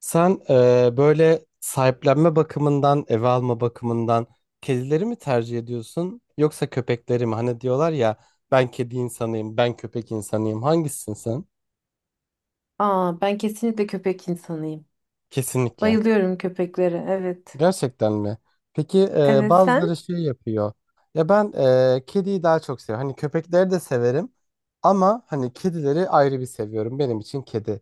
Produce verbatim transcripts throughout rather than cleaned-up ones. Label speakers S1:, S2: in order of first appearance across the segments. S1: Sen eee, böyle sahiplenme bakımından, eve alma bakımından kedileri mi tercih ediyorsun yoksa köpekleri mi? Hani diyorlar ya, ben kedi insanıyım, ben köpek insanıyım. Hangisisin sen?
S2: Aa, ben kesinlikle köpek insanıyım.
S1: Kesinlikle.
S2: Bayılıyorum köpeklere. Evet.
S1: Gerçekten mi? Peki eee,
S2: Evet
S1: bazıları
S2: sen?
S1: şey yapıyor. Ya ben eee, kediyi daha çok seviyorum. Hani köpekleri de severim ama hani kedileri ayrı bir seviyorum. Benim için kedi.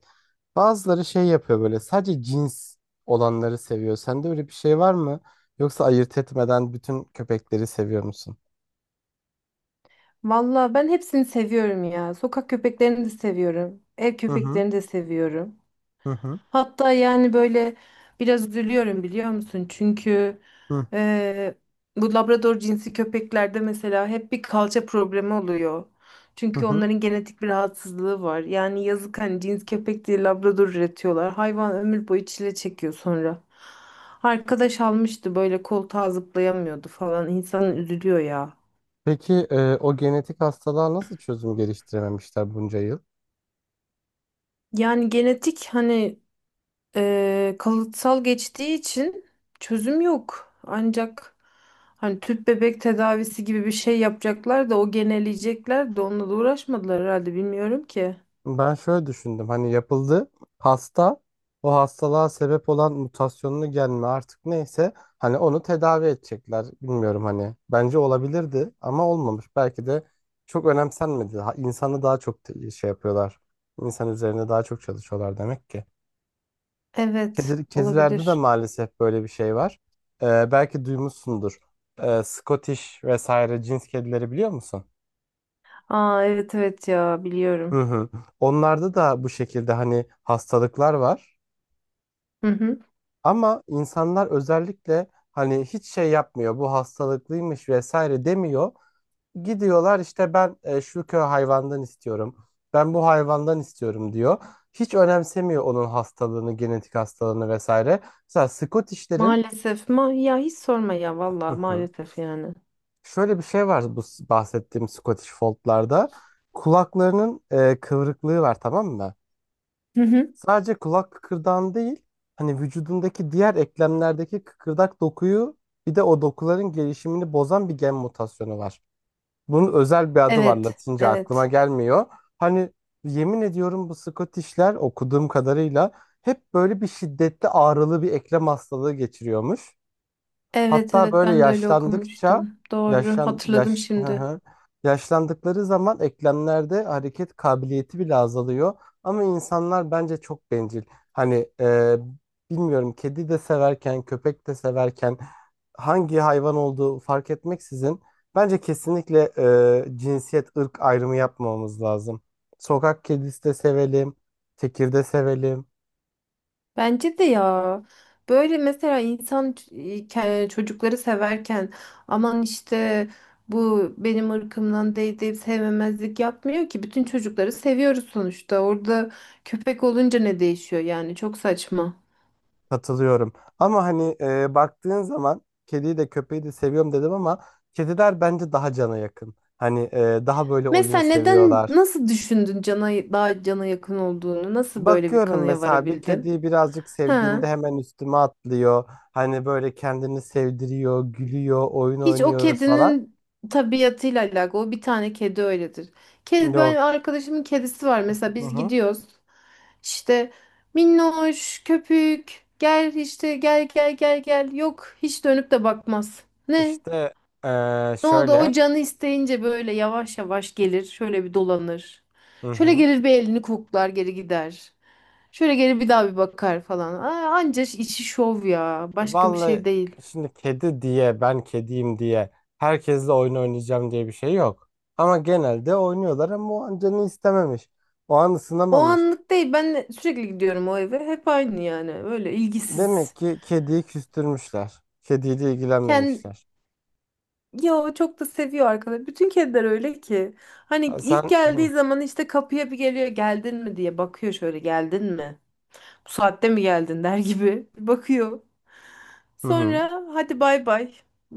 S1: Bazıları şey yapıyor, böyle sadece cins olanları seviyor. Sende öyle bir şey var mı? Yoksa ayırt etmeden bütün köpekleri seviyor musun?
S2: Valla ben hepsini seviyorum ya. Sokak köpeklerini de seviyorum. Ev
S1: Hı hı,
S2: köpeklerini de seviyorum.
S1: hı hı,
S2: Hatta yani böyle biraz üzülüyorum biliyor musun? Çünkü
S1: hı
S2: eee, bu Labrador cinsi köpeklerde mesela hep bir kalça problemi oluyor.
S1: hı.
S2: Çünkü
S1: Hı.
S2: onların genetik bir rahatsızlığı var. Yani yazık hani cins köpek diye Labrador üretiyorlar. Hayvan ömür boyu çile çekiyor sonra. Arkadaş almıştı böyle koltuğa zıplayamıyordu falan. İnsan üzülüyor ya.
S1: Peki e, o genetik hastalığa nasıl çözüm geliştirememişler bunca yıl?
S2: Yani genetik hani Eee, kalıtsal geçtiği için çözüm yok. Ancak hani tüp bebek tedavisi gibi bir şey yapacaklar da o geneleyecekler de onunla da uğraşmadılar herhalde bilmiyorum ki.
S1: Ben şöyle düşündüm, hani yapıldı, hasta, o hastalığa sebep olan mutasyonlu gen mi artık neyse, hani onu tedavi edecekler. Bilmiyorum, hani bence olabilirdi ama olmamış, belki de çok önemsenmedi. Ha- insanı daha çok te- şey yapıyorlar, insan üzerine daha çok çalışıyorlar demek ki.
S2: Evet,
S1: Kedi, kedilerde de
S2: olabilir.
S1: maalesef böyle bir şey var. Ee, belki duymuşsundur, ee, Scottish vesaire cins kedileri biliyor musun?
S2: Aa evet evet ya biliyorum.
S1: Hı hı. Onlarda da bu şekilde hani hastalıklar var.
S2: Hı hı.
S1: Ama insanlar özellikle hani hiç şey yapmıyor, bu hastalıklıymış vesaire demiyor. Gidiyorlar işte, ben e, şu köy hayvandan istiyorum. Ben bu hayvandan istiyorum diyor. Hiç önemsemiyor onun hastalığını, genetik hastalığını vesaire. Mesela Scottish'lerin,
S2: Maalesef ma ya hiç sorma ya
S1: hı
S2: vallahi
S1: hı,
S2: maalesef yani.
S1: şöyle bir şey var, bu s- bahsettiğim Scottish Fold'larda. Kulaklarının e, kıvrıklığı var, tamam mı?
S2: Hı hı.
S1: Sadece kulak kıkırdağın değil, hani vücudundaki diğer eklemlerdeki kıkırdak dokuyu, bir de o dokuların gelişimini bozan bir gen mutasyonu var. Bunun özel bir adı var,
S2: Evet,
S1: Latince aklıma
S2: evet.
S1: gelmiyor. Hani yemin ediyorum, bu Scottish'ler okuduğum kadarıyla hep böyle bir şiddetli, ağrılı bir eklem hastalığı geçiriyormuş.
S2: Evet
S1: Hatta
S2: evet
S1: böyle
S2: ben de öyle
S1: yaşlandıkça
S2: okumuştum. Doğru
S1: yaşlan
S2: hatırladım
S1: yaş hı
S2: şimdi.
S1: hı. Yaşlandıkları zaman eklemlerde hareket kabiliyeti bile azalıyor. Ama insanlar bence çok bencil. Hani e, bilmiyorum, kedi de severken köpek de severken hangi hayvan olduğu fark etmeksizin, bence kesinlikle e, cinsiyet, ırk ayrımı yapmamamız lazım. Sokak kedisi de sevelim, tekirde sevelim.
S2: Bence de ya. Böyle mesela insan ç- e, ke- çocukları severken aman işte bu benim ırkımdan değil deyip sevmemezlik yapmıyor ki. Bütün çocukları seviyoruz sonuçta. Orada köpek olunca ne değişiyor yani çok saçma.
S1: Katılıyorum. Ama hani e, baktığın zaman kediyi de köpeği de seviyorum dedim ama kediler bence daha cana yakın. Hani e, daha böyle oyun
S2: Mesela neden
S1: seviyorlar.
S2: nasıl düşündün cana daha cana yakın olduğunu? Nasıl böyle bir
S1: Bakıyorum
S2: kanıya
S1: mesela, bir
S2: varabildin?
S1: kediyi birazcık
S2: He.
S1: sevdiğimde hemen üstüme atlıyor. Hani böyle kendini sevdiriyor, gülüyor, oyun
S2: Hiç o
S1: oynuyoruz falan.
S2: kedinin tabiatıyla alakalı. O bir tane kedi öyledir. Kedi, ben
S1: Yok.
S2: arkadaşımın kedisi var mesela
S1: Hı
S2: biz
S1: hı.
S2: gidiyoruz. İşte minnoş, köpük, gel işte gel gel gel gel. Yok hiç dönüp de bakmaz. Ne?
S1: İşte e,
S2: Ne oldu?
S1: şöyle.
S2: O canı isteyince böyle yavaş yavaş gelir. Şöyle bir dolanır.
S1: Hı
S2: Şöyle
S1: hı.
S2: gelir bir elini koklar geri gider. Şöyle geri bir daha bir bakar falan. Aa, anca işi şov ya. Başka bir
S1: Vallahi,
S2: şey değil.
S1: şimdi kedi diye, ben kediyim diye herkesle oyun oynayacağım diye bir şey yok. Ama genelde oynuyorlar, ama o an canı istememiş. O an
S2: O
S1: ısınamamış.
S2: anlık değil. Ben de sürekli gidiyorum o eve. Hep aynı yani. Böyle ilgisiz.
S1: Demek ki kediyi küstürmüşler, kediyle
S2: Kendi
S1: ilgilenmemişler.
S2: ya o çok da seviyor arkadaş. Bütün kediler öyle ki. Hani
S1: Ha,
S2: ilk
S1: sen
S2: geldiği zaman işte kapıya bir geliyor. Geldin mi diye bakıyor şöyle. Geldin mi? Bu saatte mi geldin der gibi. Bir bakıyor.
S1: hı hı.
S2: Sonra hadi bay bay.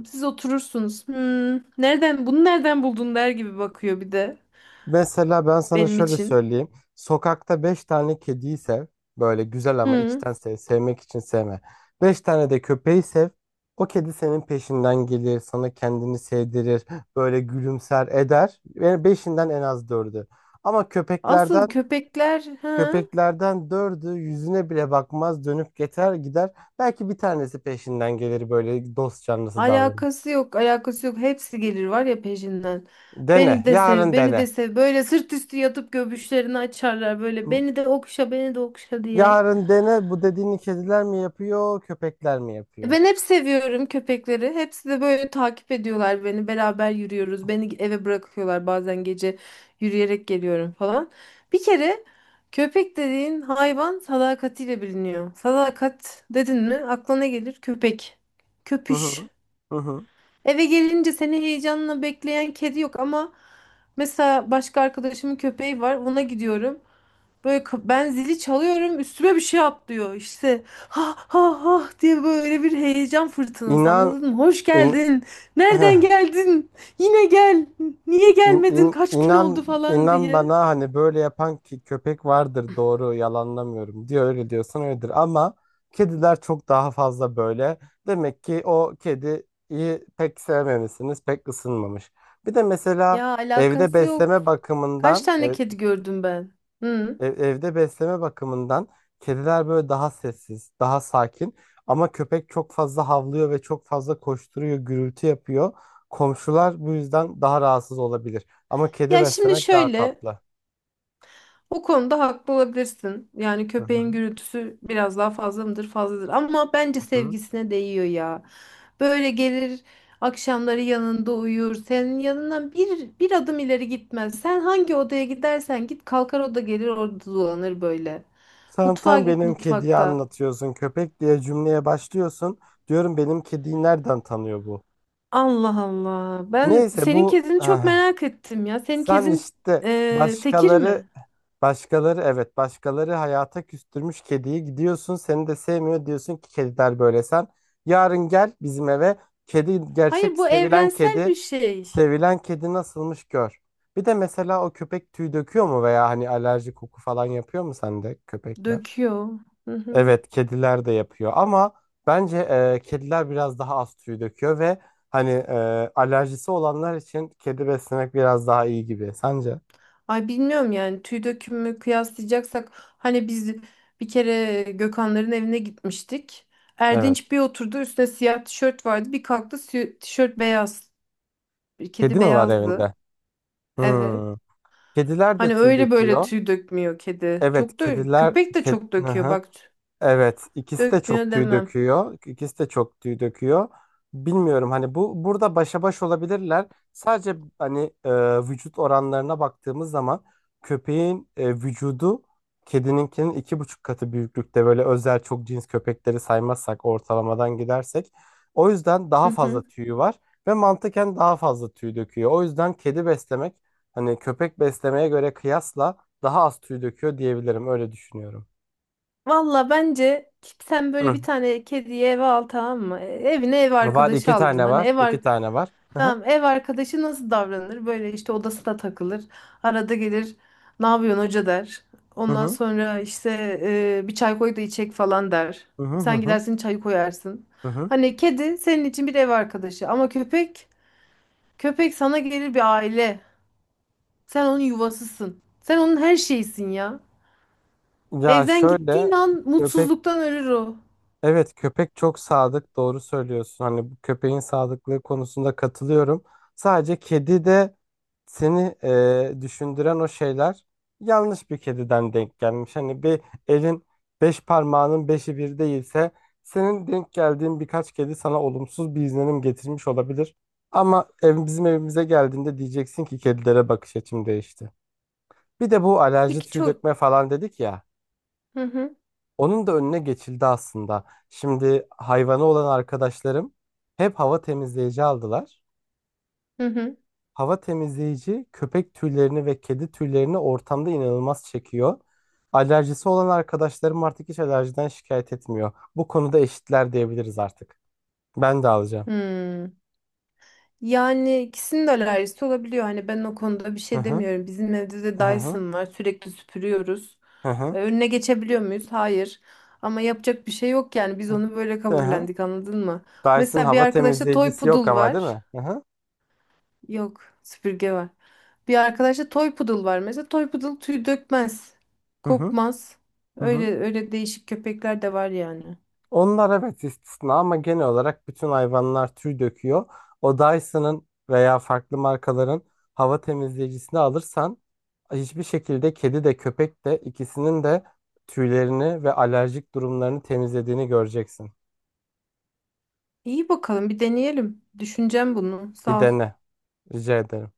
S2: Siz oturursunuz. Hmm, nereden bunu nereden buldun der gibi bakıyor bir de
S1: Mesela ben sana
S2: benim
S1: şöyle
S2: için.
S1: söyleyeyim. Sokakta beş tane kediyi sev. Böyle güzel ama
S2: Hmm.
S1: içten sev. Sevmek için sevme. Beş tane de köpeği sev. O kedi senin peşinden gelir, sana kendini sevdirir, böyle gülümser eder. Yani beşinden en az dördü. Ama
S2: Asıl
S1: köpeklerden,
S2: köpekler ha.
S1: köpeklerden dördü yüzüne bile bakmaz, dönüp geçer gider. Belki bir tanesi peşinden gelir, böyle dost canlısı davranır.
S2: Alakası yok, alakası yok. Hepsi gelir var ya peşinden.
S1: Dene.
S2: Beni de sev,
S1: Yarın
S2: beni
S1: dene.
S2: de sev. Böyle sırt üstü yatıp göbüşlerini açarlar böyle. Beni de okşa, beni de okşa diye.
S1: Yarın dene, bu dediğini kediler mi yapıyor, köpekler mi
S2: E
S1: yapıyor?
S2: Ben hep seviyorum köpekleri. Hepsi de böyle takip ediyorlar beni. Beraber yürüyoruz. Beni eve bırakıyorlar bazen gece yürüyerek geliyorum falan. Bir kere köpek dediğin hayvan sadakatiyle biliniyor. Sadakat dedin mi aklına gelir köpek.
S1: Hı
S2: Köpüş.
S1: hı. Hı hı.
S2: Eve gelince seni heyecanla bekleyen kedi yok ama mesela başka arkadaşımın köpeği var ona gidiyorum. Böyle ka- ben zili çalıyorum üstüme bir şey atlıyor işte ha ha ha diye böyle bir heyecan fırtınası
S1: İnan,
S2: anladın mı? Hoş
S1: in,
S2: geldin nereden geldin yine gel niye
S1: in-
S2: gelmedin
S1: in-
S2: kaç gün oldu
S1: inan
S2: falan
S1: inan
S2: diye.
S1: bana, hani böyle yapan ki köpek vardır, doğru, yalanlamıyorum, diyor öyle, diyorsan öyledir, ama kediler çok daha fazla böyle. Demek ki o kediyi pek sevmemişsiniz, pek ısınmamış. Bir de mesela
S2: Ya
S1: evde
S2: alakası yok.
S1: besleme
S2: Kaç
S1: bakımından,
S2: tane
S1: e,
S2: kedi gördüm ben? Hı.
S1: Ev- evde besleme bakımından kediler böyle daha sessiz, daha sakin. Ama köpek çok fazla havlıyor ve çok fazla koşturuyor, gürültü yapıyor. Komşular bu yüzden daha rahatsız olabilir. Ama kedi
S2: Ya şimdi
S1: beslemek daha
S2: şöyle
S1: tatlı.
S2: O konuda haklı olabilirsin. Yani
S1: Hı
S2: köpeğin
S1: hı.
S2: gürültüsü biraz daha fazla mıdır? Fazladır. Ama bence
S1: Hı.
S2: sevgisine değiyor ya. Böyle gelir akşamları yanında uyur. Senin yanından bir, bir adım ileri gitmez. Sen hangi odaya gidersen git kalkar o da gelir orada dolanır böyle.
S1: Sen
S2: Mutfağa
S1: tam
S2: git
S1: benim kediyi
S2: mutfakta.
S1: anlatıyorsun. Köpek diye cümleye başlıyorsun. Diyorum, benim kediyi nereden tanıyor bu?
S2: Allah Allah. Ben
S1: Neyse,
S2: senin
S1: bu
S2: kedini çok
S1: ah,
S2: merak ettim ya. Senin
S1: sen
S2: kedin
S1: işte,
S2: eee, tekir
S1: başkaları
S2: mi?
S1: başkaları, evet, başkaları hayata küstürmüş kediyi, gidiyorsun seni de sevmiyor, diyorsun ki kediler böyle, sen. Yarın gel bizim eve, kedi,
S2: Hayır
S1: gerçek
S2: bu
S1: sevilen
S2: evrensel bir
S1: kedi
S2: şey.
S1: sevilen kedi nasılmış gör. Bir de mesela o köpek tüy döküyor mu, veya hani alerji, koku falan yapıyor mu sende köpekler?
S2: Döküyor. Hı hı.
S1: Evet, kediler de yapıyor ama bence e, kediler biraz daha az tüy döküyor ve hani e, alerjisi olanlar için kedi beslemek biraz daha iyi gibi, sence?
S2: Ay bilmiyorum yani tüy dökümü kıyaslayacaksak hani biz bir kere Gökhanların evine gitmiştik.
S1: Evet,
S2: Erdinç bir oturdu üstüne siyah tişört vardı bir kalktı si- tişört beyaz.
S1: kedi
S2: Kedi
S1: mi var
S2: beyazdı.
S1: evinde?
S2: Evet.
S1: Hmm. Kediler de
S2: Hani
S1: tüy
S2: öyle böyle
S1: döküyor.
S2: tüy dökmüyor kedi.
S1: Evet,
S2: Çok da
S1: kediler,
S2: köpek de
S1: ked...
S2: çok
S1: Hı
S2: döküyor
S1: hı.
S2: bak
S1: Evet, ikisi de çok
S2: dökmüyor
S1: tüy
S2: demem.
S1: döküyor. İkisi de çok tüy döküyor. Bilmiyorum, hani bu burada başa baş olabilirler. Sadece hani e, vücut oranlarına baktığımız zaman köpeğin e, vücudu kedininkinin iki buçuk katı büyüklükte, böyle özel çok cins köpekleri saymazsak, ortalamadan gidersek. O yüzden daha
S2: Hı
S1: fazla
S2: hı.
S1: tüyü var ve mantıken daha fazla tüy döküyor. O yüzden kedi beslemek, hani köpek beslemeye göre kıyasla daha az tüy döküyor diyebilirim. Öyle düşünüyorum.
S2: Valla bence sen böyle
S1: Hı.
S2: bir tane kediyi eve al tamam mı? E, Evine ev
S1: Var,
S2: arkadaşı
S1: iki
S2: aldın.
S1: tane
S2: Hani
S1: var,
S2: ev ar-
S1: iki tane var. Hı hı.
S2: Tamam ev arkadaşı nasıl davranır? Böyle işte odasına takılır. Arada gelir ne yapıyorsun hoca der.
S1: Hı
S2: Ondan
S1: hı.
S2: sonra işte e, bir çay koy da içek falan der.
S1: Hı hı, hı
S2: Sen
S1: hı,
S2: gidersin çayı koyarsın.
S1: hı hı.
S2: Hani kedi senin için bir ev arkadaşı ama köpek köpek sana gelir bir aile. Sen onun yuvasısın. Sen onun her şeysin ya.
S1: Ya
S2: Evden
S1: şöyle,
S2: gittiğin an
S1: köpek,
S2: mutsuzluktan ölür o.
S1: evet, köpek çok sadık, doğru söylüyorsun. Hani bu köpeğin sadıklığı konusunda katılıyorum. Sadece kedi de seni e, düşündüren o şeyler, yanlış bir kediden denk gelmiş. Hani bir elin beş parmağının beşi bir değilse, senin denk geldiğin birkaç kedi sana olumsuz bir izlenim getirmiş olabilir. Ama ev, bizim evimize geldiğinde diyeceksin ki kedilere bakış açım değişti. Bir de bu alerji,
S2: Peki
S1: tüy
S2: çok...
S1: dökme falan dedik ya.
S2: Hı hı
S1: Onun da önüne geçildi aslında. Şimdi hayvanı olan arkadaşlarım hep hava temizleyici aldılar.
S2: hı hı.
S1: Hava temizleyici köpek tüylerini ve kedi tüylerini ortamda inanılmaz çekiyor. Alerjisi olan arkadaşlarım artık hiç alerjiden şikayet etmiyor. Bu konuda eşitler diyebiliriz artık. Ben de alacağım.
S2: Hmm. Yani ikisinin de alerjisi olabiliyor. Hani ben o konuda bir
S1: Hı
S2: şey
S1: hı.
S2: demiyorum. Bizim evde de
S1: Hı hı.
S2: Dyson var. Sürekli süpürüyoruz.
S1: Hı
S2: Ee,
S1: hı.
S2: Önüne geçebiliyor muyuz? Hayır. Ama yapacak bir şey yok yani. Biz onu böyle
S1: Hı hı.
S2: kabullendik, anladın mı?
S1: Dyson
S2: Mesela bir
S1: hava
S2: arkadaşta toy
S1: temizleyicisi yok
S2: poodle
S1: ama, değil
S2: var.
S1: mi? Hı hı.
S2: Yok, süpürge var. Bir arkadaşta toy poodle var. Mesela toy poodle tüy dökmez,
S1: Hı hı.
S2: kokmaz.
S1: Hı hı.
S2: Öyle öyle değişik köpekler de var yani.
S1: Onlar evet istisna, ama genel olarak bütün hayvanlar tüy döküyor. O Dyson'ın veya farklı markaların hava temizleyicisini alırsan, hiçbir şekilde kedi de köpek de, ikisinin de tüylerini ve alerjik durumlarını temizlediğini göreceksin.
S2: İyi bakalım, bir deneyelim. Düşüneceğim bunu.
S1: Bir
S2: Sağ ol.
S1: dene, rica ederim.